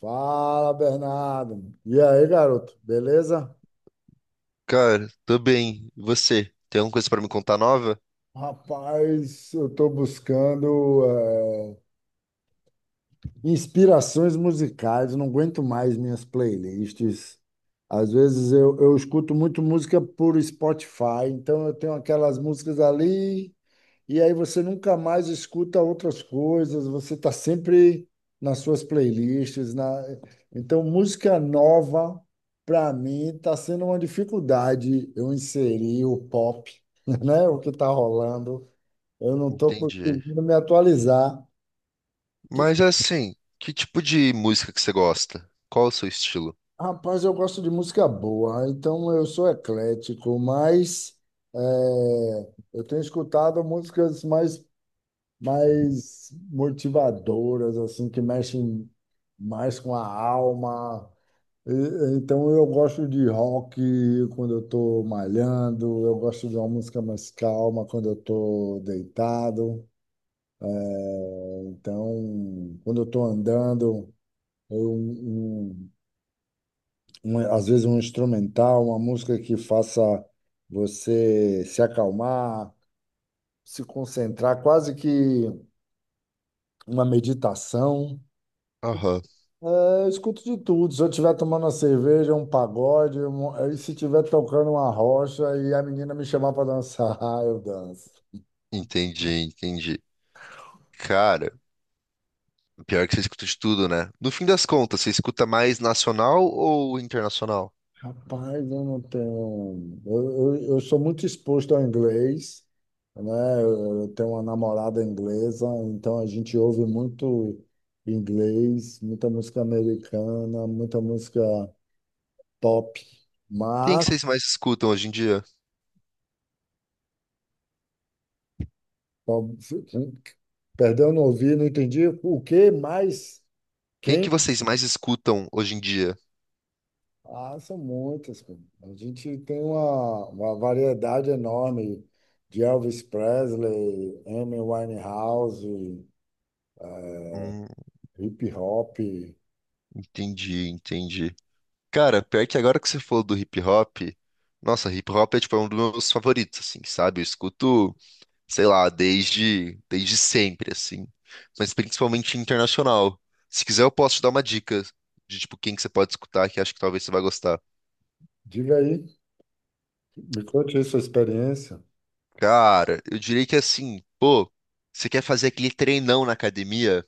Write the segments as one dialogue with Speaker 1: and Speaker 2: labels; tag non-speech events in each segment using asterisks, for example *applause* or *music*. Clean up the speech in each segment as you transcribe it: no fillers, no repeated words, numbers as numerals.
Speaker 1: Fala, Bernardo. E aí, garoto, beleza?
Speaker 2: Cara, tô bem. E você? Tem alguma coisa pra me contar nova?
Speaker 1: Rapaz, eu tô buscando inspirações musicais, não aguento mais minhas playlists. Às vezes eu escuto muito música por Spotify, então eu tenho aquelas músicas ali. E aí você nunca mais escuta outras coisas, você está sempre nas suas playlists, Então, música nova, para mim, está sendo uma dificuldade eu inserir o pop, *laughs* né? O que está rolando. Eu não estou
Speaker 2: Entendi.
Speaker 1: conseguindo me atualizar.
Speaker 2: Mas assim, que tipo de música que você gosta? Qual é o seu estilo?
Speaker 1: Rapaz, eu gosto de música boa, então eu sou eclético, mas eu tenho escutado músicas mais motivadoras, assim, que mexem mais com a alma. Então eu gosto de rock quando eu estou malhando, eu gosto de uma música mais calma quando eu estou deitado. Então, quando eu estou andando, eu- um- um- às vezes um instrumental, uma música que faça você se acalmar, se concentrar, quase que uma meditação.
Speaker 2: Aham.
Speaker 1: É, eu escuto de tudo. Se eu estiver tomando uma cerveja, um pagode, e se estiver tocando uma rocha e a menina me chamar para dançar, *laughs* eu danço.
Speaker 2: Entendi, entendi. Cara, pior que você escuta de tudo, né? No fim das contas, você escuta mais nacional ou internacional?
Speaker 1: Rapaz, eu não tenho. Eu sou muito exposto ao inglês, né? Eu tenho uma namorada inglesa, então a gente ouve muito inglês, muita música americana, muita música pop.
Speaker 2: Quem que
Speaker 1: Mas,
Speaker 2: vocês mais escutam hoje em dia?
Speaker 1: perdão, não ouvi, não entendi o que mais.
Speaker 2: Quem
Speaker 1: Quem?
Speaker 2: que vocês mais escutam hoje em dia?
Speaker 1: Ah, são muitas, pô. A gente tem uma variedade enorme de Elvis Presley, Amy Winehouse, eh,
Speaker 2: Hum,
Speaker 1: hip hop.
Speaker 2: entendi, entendi. Cara, pior que agora que você falou do hip hop, nossa, hip hop é um dos meus favoritos, assim, sabe? Eu escuto sei lá, desde sempre, assim. Mas principalmente internacional. Se quiser, eu posso te dar uma dica de, tipo, quem que você pode escutar, que acho que talvez você vai gostar.
Speaker 1: Diga aí, me conte aí sua experiência.
Speaker 2: Cara, eu diria que assim, pô, você quer fazer aquele treinão na academia?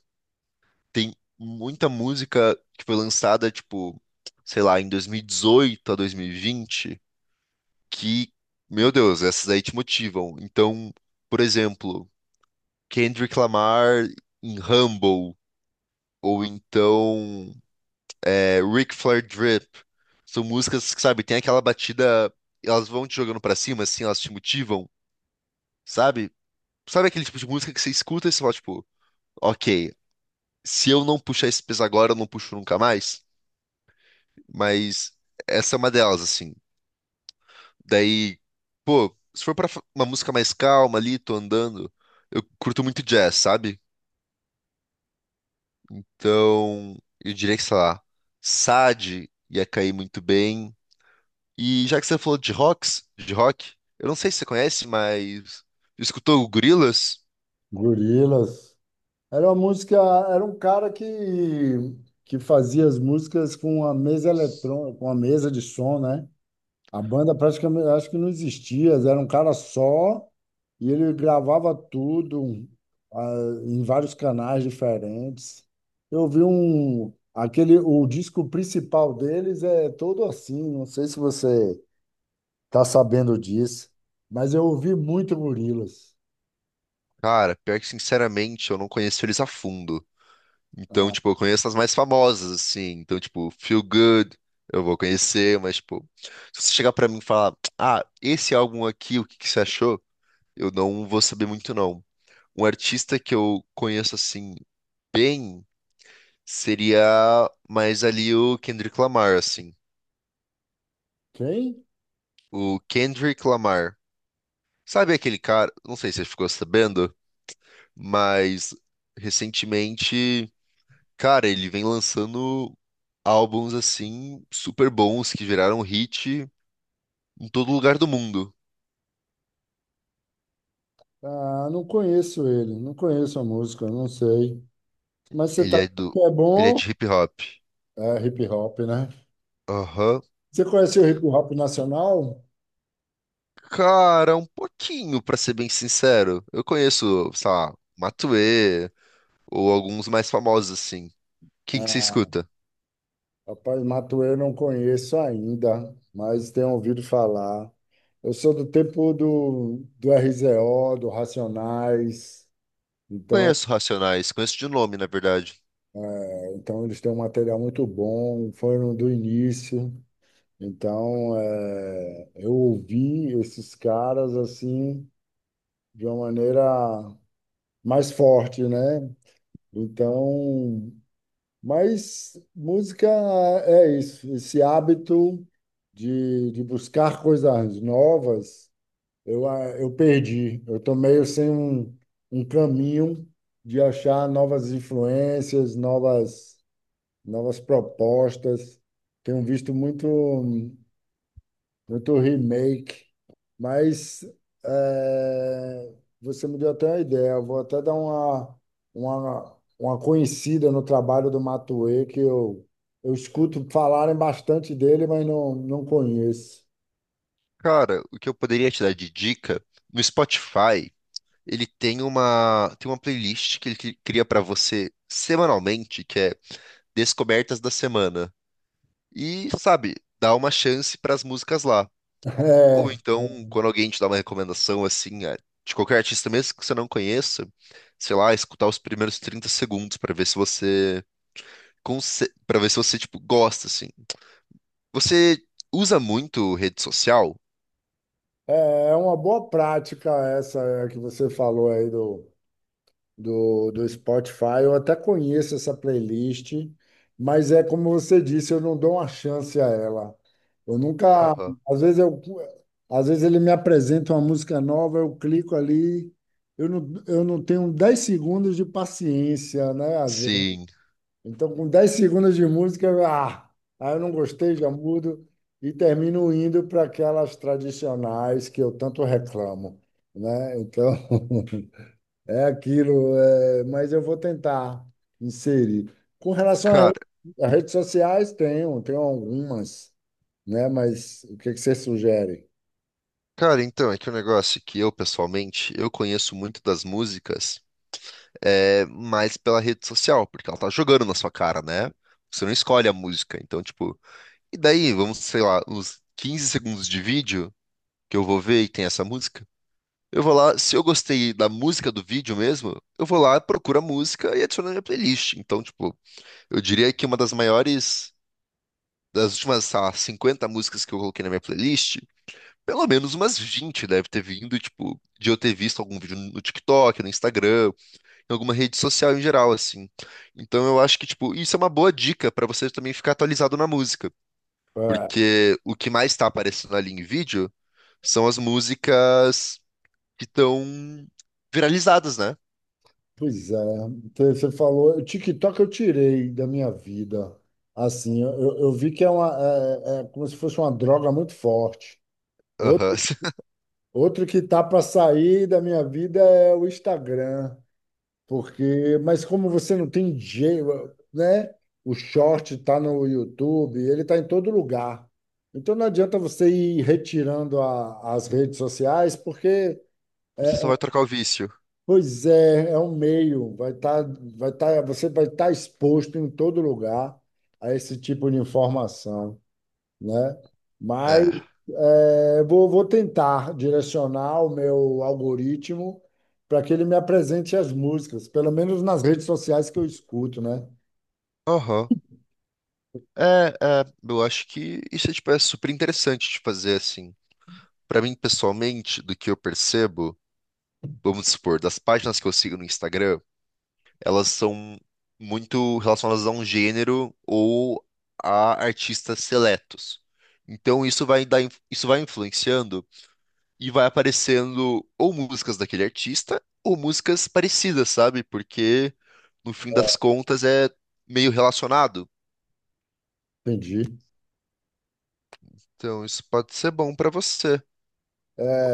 Speaker 2: Tem muita música que foi lançada, tipo, sei lá, em 2018 a 2020, que, meu Deus, essas aí te motivam. Então, por exemplo, Kendrick Lamar em Humble, ou então Ric Flair Drip. São músicas que, sabe, tem aquela batida, elas vão te jogando pra cima, assim, elas te motivam, sabe? Sabe aquele tipo de música que você escuta e você fala, tipo, ok, se eu não puxar esse peso agora, eu não puxo nunca mais. Mas essa é uma delas, assim. Daí, pô, se for pra fa- uma música mais calma ali, tô andando, eu curto muito jazz, sabe? Então, eu diria que, sei lá, Sade ia cair muito bem. E já que você falou de rock, eu não sei se você conhece, mas escutou o Gorillaz?
Speaker 1: Gorilas. Era uma música, era um cara que fazia as músicas com a mesa eletrônica, com a mesa de som, né? A banda praticamente, acho que não existia, era um cara só e ele gravava tudo ah, em vários canais diferentes. Eu vi um, aquele, o disco principal deles é todo assim, não sei se você está sabendo disso, mas eu ouvi muito Gorillaz.
Speaker 2: Cara, pior que sinceramente, eu não conheço eles a fundo. Então, tipo, eu conheço as mais famosas, assim. Então, tipo, Feel Good, eu vou conhecer, mas, tipo, se você chegar pra mim e falar, ah, esse álbum aqui, o que que você achou? Eu não vou saber muito, não. Um artista que eu conheço, assim, bem, seria mais ali o Kendrick Lamar, assim.
Speaker 1: Quem?
Speaker 2: O Kendrick Lamar. Sabe aquele cara, não sei se você ficou sabendo, mas recentemente, cara, ele vem lançando álbuns assim super bons que viraram hit em todo lugar do mundo.
Speaker 1: Ah, não conheço ele, não conheço a música, não sei. Mas você
Speaker 2: Ele
Speaker 1: tá,
Speaker 2: é do,
Speaker 1: é
Speaker 2: ele é
Speaker 1: bom,
Speaker 2: de hip hop.
Speaker 1: é hip hop, né?
Speaker 2: Aham.
Speaker 1: Você conhece o hip hop nacional?
Speaker 2: Cara, um pouquinho, pra ser bem sincero. Eu conheço, sei lá, Matuê ou alguns mais famosos assim. Quem que você
Speaker 1: É.
Speaker 2: escuta?
Speaker 1: Rapaz, Matuê eu não conheço ainda, mas tenho ouvido falar. Eu sou do tempo do RZO, do Racionais, então,
Speaker 2: Conheço Racionais, conheço de nome, na verdade.
Speaker 1: é, então eles têm um material muito bom, foram do início. Então, eu ouvi esses caras assim de uma maneira mais forte, né? Então, mas música é isso, esse hábito de buscar coisas novas. Eu perdi. Eu tô meio sem um caminho de achar novas influências, novas propostas. Tenho visto muito, muito remake, mas eh, você me deu até uma ideia. Eu vou até dar uma conhecida no trabalho do Matuê, que eu escuto falarem bastante dele, mas não, não conheço.
Speaker 2: Cara, o que eu poderia te dar de dica no Spotify. Ele tem uma playlist que ele cri- cria pra você semanalmente, que é Descobertas da Semana. E, sabe, dá uma chance pras músicas lá. Ou
Speaker 1: *laughs* É.
Speaker 2: então, quando alguém te dá uma recomendação assim, de qualquer artista mesmo que você não conheça, sei lá, escutar os primeiros 30 segundos pra ver se você pra ver se você tipo gosta assim. Você usa muito rede social?
Speaker 1: É uma boa prática essa é, que você falou aí do Spotify. Eu até conheço essa playlist, mas é como você disse, eu não dou uma chance a ela. Eu nunca,
Speaker 2: Aham.
Speaker 1: às vezes eu, às vezes ele me apresenta uma música nova, eu clico ali, eu não tenho 10 segundos de paciência, né? Às vezes.
Speaker 2: Sim.
Speaker 1: Então, com 10 segundos de música, aí eu não gostei, já mudo e termino indo para aquelas tradicionais que eu tanto reclamo, né? Então, *laughs* é aquilo, é, mas eu vou tentar inserir. Com relação a redes sociais, tenho algumas, né? Mas o que que você sugere?
Speaker 2: Cara, então, é que o negócio é que eu, pessoalmente, eu conheço muito das músicas mais pela rede social, porque ela tá jogando na sua cara, né? Você não escolhe a música, então, tipo... E daí, vamos, sei lá, uns 15 segundos de vídeo que eu vou ver e tem essa música, eu vou lá, se eu gostei da música do vídeo mesmo, eu vou lá, procuro a música e adiciono na minha playlist. Então, tipo, eu diria que uma das maiores... Das últimas, sei lá, 50 músicas que eu coloquei na minha playlist, pelo menos umas 20 deve ter vindo, tipo, de eu ter visto algum vídeo no TikTok, no Instagram, em alguma rede social em geral, assim. Então eu acho que, tipo, isso é uma boa dica pra você também ficar atualizado na música, porque o que mais tá aparecendo ali em vídeo são as músicas que estão viralizadas, né?
Speaker 1: Pois é, então, você falou, o TikTok eu tirei da minha vida. Assim, eu vi que é uma, é como se fosse uma droga muito forte.
Speaker 2: Aham.
Speaker 1: Outro,
Speaker 2: *laughs*
Speaker 1: outro que tá para sair da minha vida é o Instagram, porque, mas como você não tem jeito, né? O short tá no YouTube, ele tá em todo lugar. Então não adianta você ir retirando as redes sociais, porque.
Speaker 2: Você só vai trocar o vício.
Speaker 1: Pois é, é um meio, vai estar, vai tá, você vai estar exposto em todo lugar a esse tipo de informação, né? Mas
Speaker 2: É.
Speaker 1: é, vou tentar direcionar o meu algoritmo para que ele me apresente as músicas, pelo menos nas redes sociais que eu escuto, né?
Speaker 2: Aham. Eu acho que isso, tipo, é super interessante de fazer, assim. Pra mim, pessoalmente, do que eu percebo, vamos supor, das páginas que eu sigo no Instagram, elas são muito relacionadas a um gênero ou a artistas seletos. Então isso vai influenciando e vai aparecendo ou músicas daquele artista ou músicas parecidas, sabe? Porque no fim das contas é meio relacionado.
Speaker 1: Entendi.
Speaker 2: Então isso pode ser bom pra você.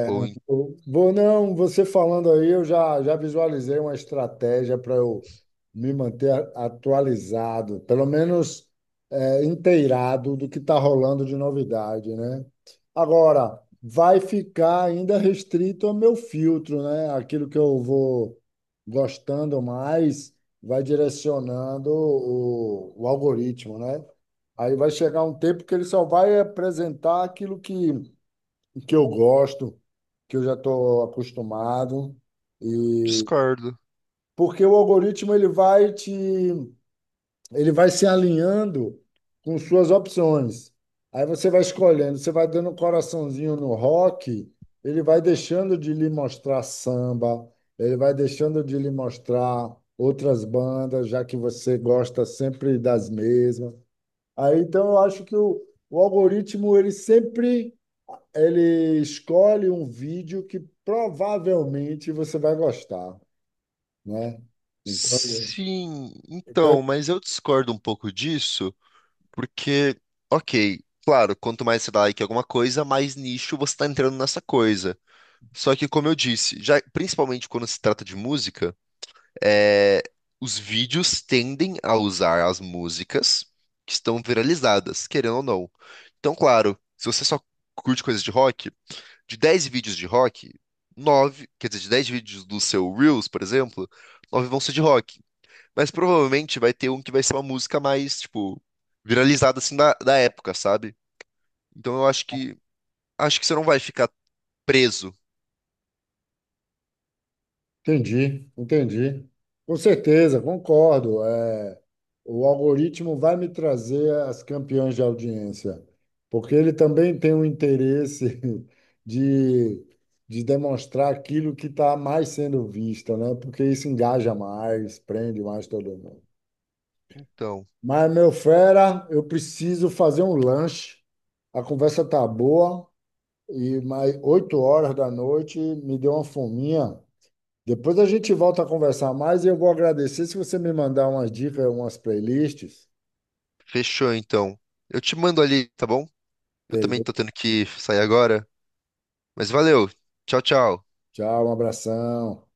Speaker 2: Ou em-
Speaker 1: Eu vou, não, você falando aí, eu já visualizei uma estratégia para eu me manter atualizado, pelo menos é, inteirado do que está rolando de novidade, né? Agora, vai ficar ainda restrito ao meu filtro, né? Aquilo que eu vou gostando mais vai direcionando o algoritmo, né? Aí vai chegar um tempo que ele só vai apresentar aquilo que eu gosto, que eu já estou acostumado. E
Speaker 2: discordo.
Speaker 1: porque o algoritmo ele vai te ele vai se alinhando com suas opções. Aí você vai escolhendo, você vai dando um coraçãozinho no rock, ele vai deixando de lhe mostrar samba, ele vai deixando de lhe mostrar outras bandas, já que você gosta sempre das mesmas. Aí então eu acho que o algoritmo ele sempre ele escolhe um vídeo que provavelmente você vai gostar, né? Então,
Speaker 2: Sim,
Speaker 1: então
Speaker 2: então, mas eu discordo um pouco disso. Porque, ok, claro, quanto mais você dá like em alguma coisa, mais nicho você tá entrando nessa coisa. Só que, como eu disse, já principalmente quando se trata de música, é, os vídeos tendem a usar as músicas que estão viralizadas, querendo ou não. Então, claro, se você só curte coisas de rock, de 10 vídeos de rock, 9 quer dizer, de 10 vídeos do seu Reels, por exemplo, 9 vão ser de rock. Mas provavelmente vai ter um que vai ser uma música mais, tipo, viralizada assim da época, sabe? Então eu acho que você não vai ficar preso.
Speaker 1: entendi, entendi. Com certeza, concordo. É, o algoritmo vai me trazer as campeãs de audiência, porque ele também tem um interesse *laughs* de, de demonstrar aquilo que está mais sendo visto, né? Porque isso engaja mais, prende mais todo mundo.
Speaker 2: Então,
Speaker 1: Mas, meu fera, eu preciso fazer um lanche. A conversa tá boa, e mais 8 horas da noite me deu uma fominha. Depois a gente volta a conversar mais e eu vou agradecer se você me mandar umas dicas, umas playlists.
Speaker 2: fechou então. Eu te mando ali, tá bom? Eu também
Speaker 1: Beleza?
Speaker 2: tô tendo que sair agora, mas valeu. Tchau, tchau.
Speaker 1: Tchau, um abração.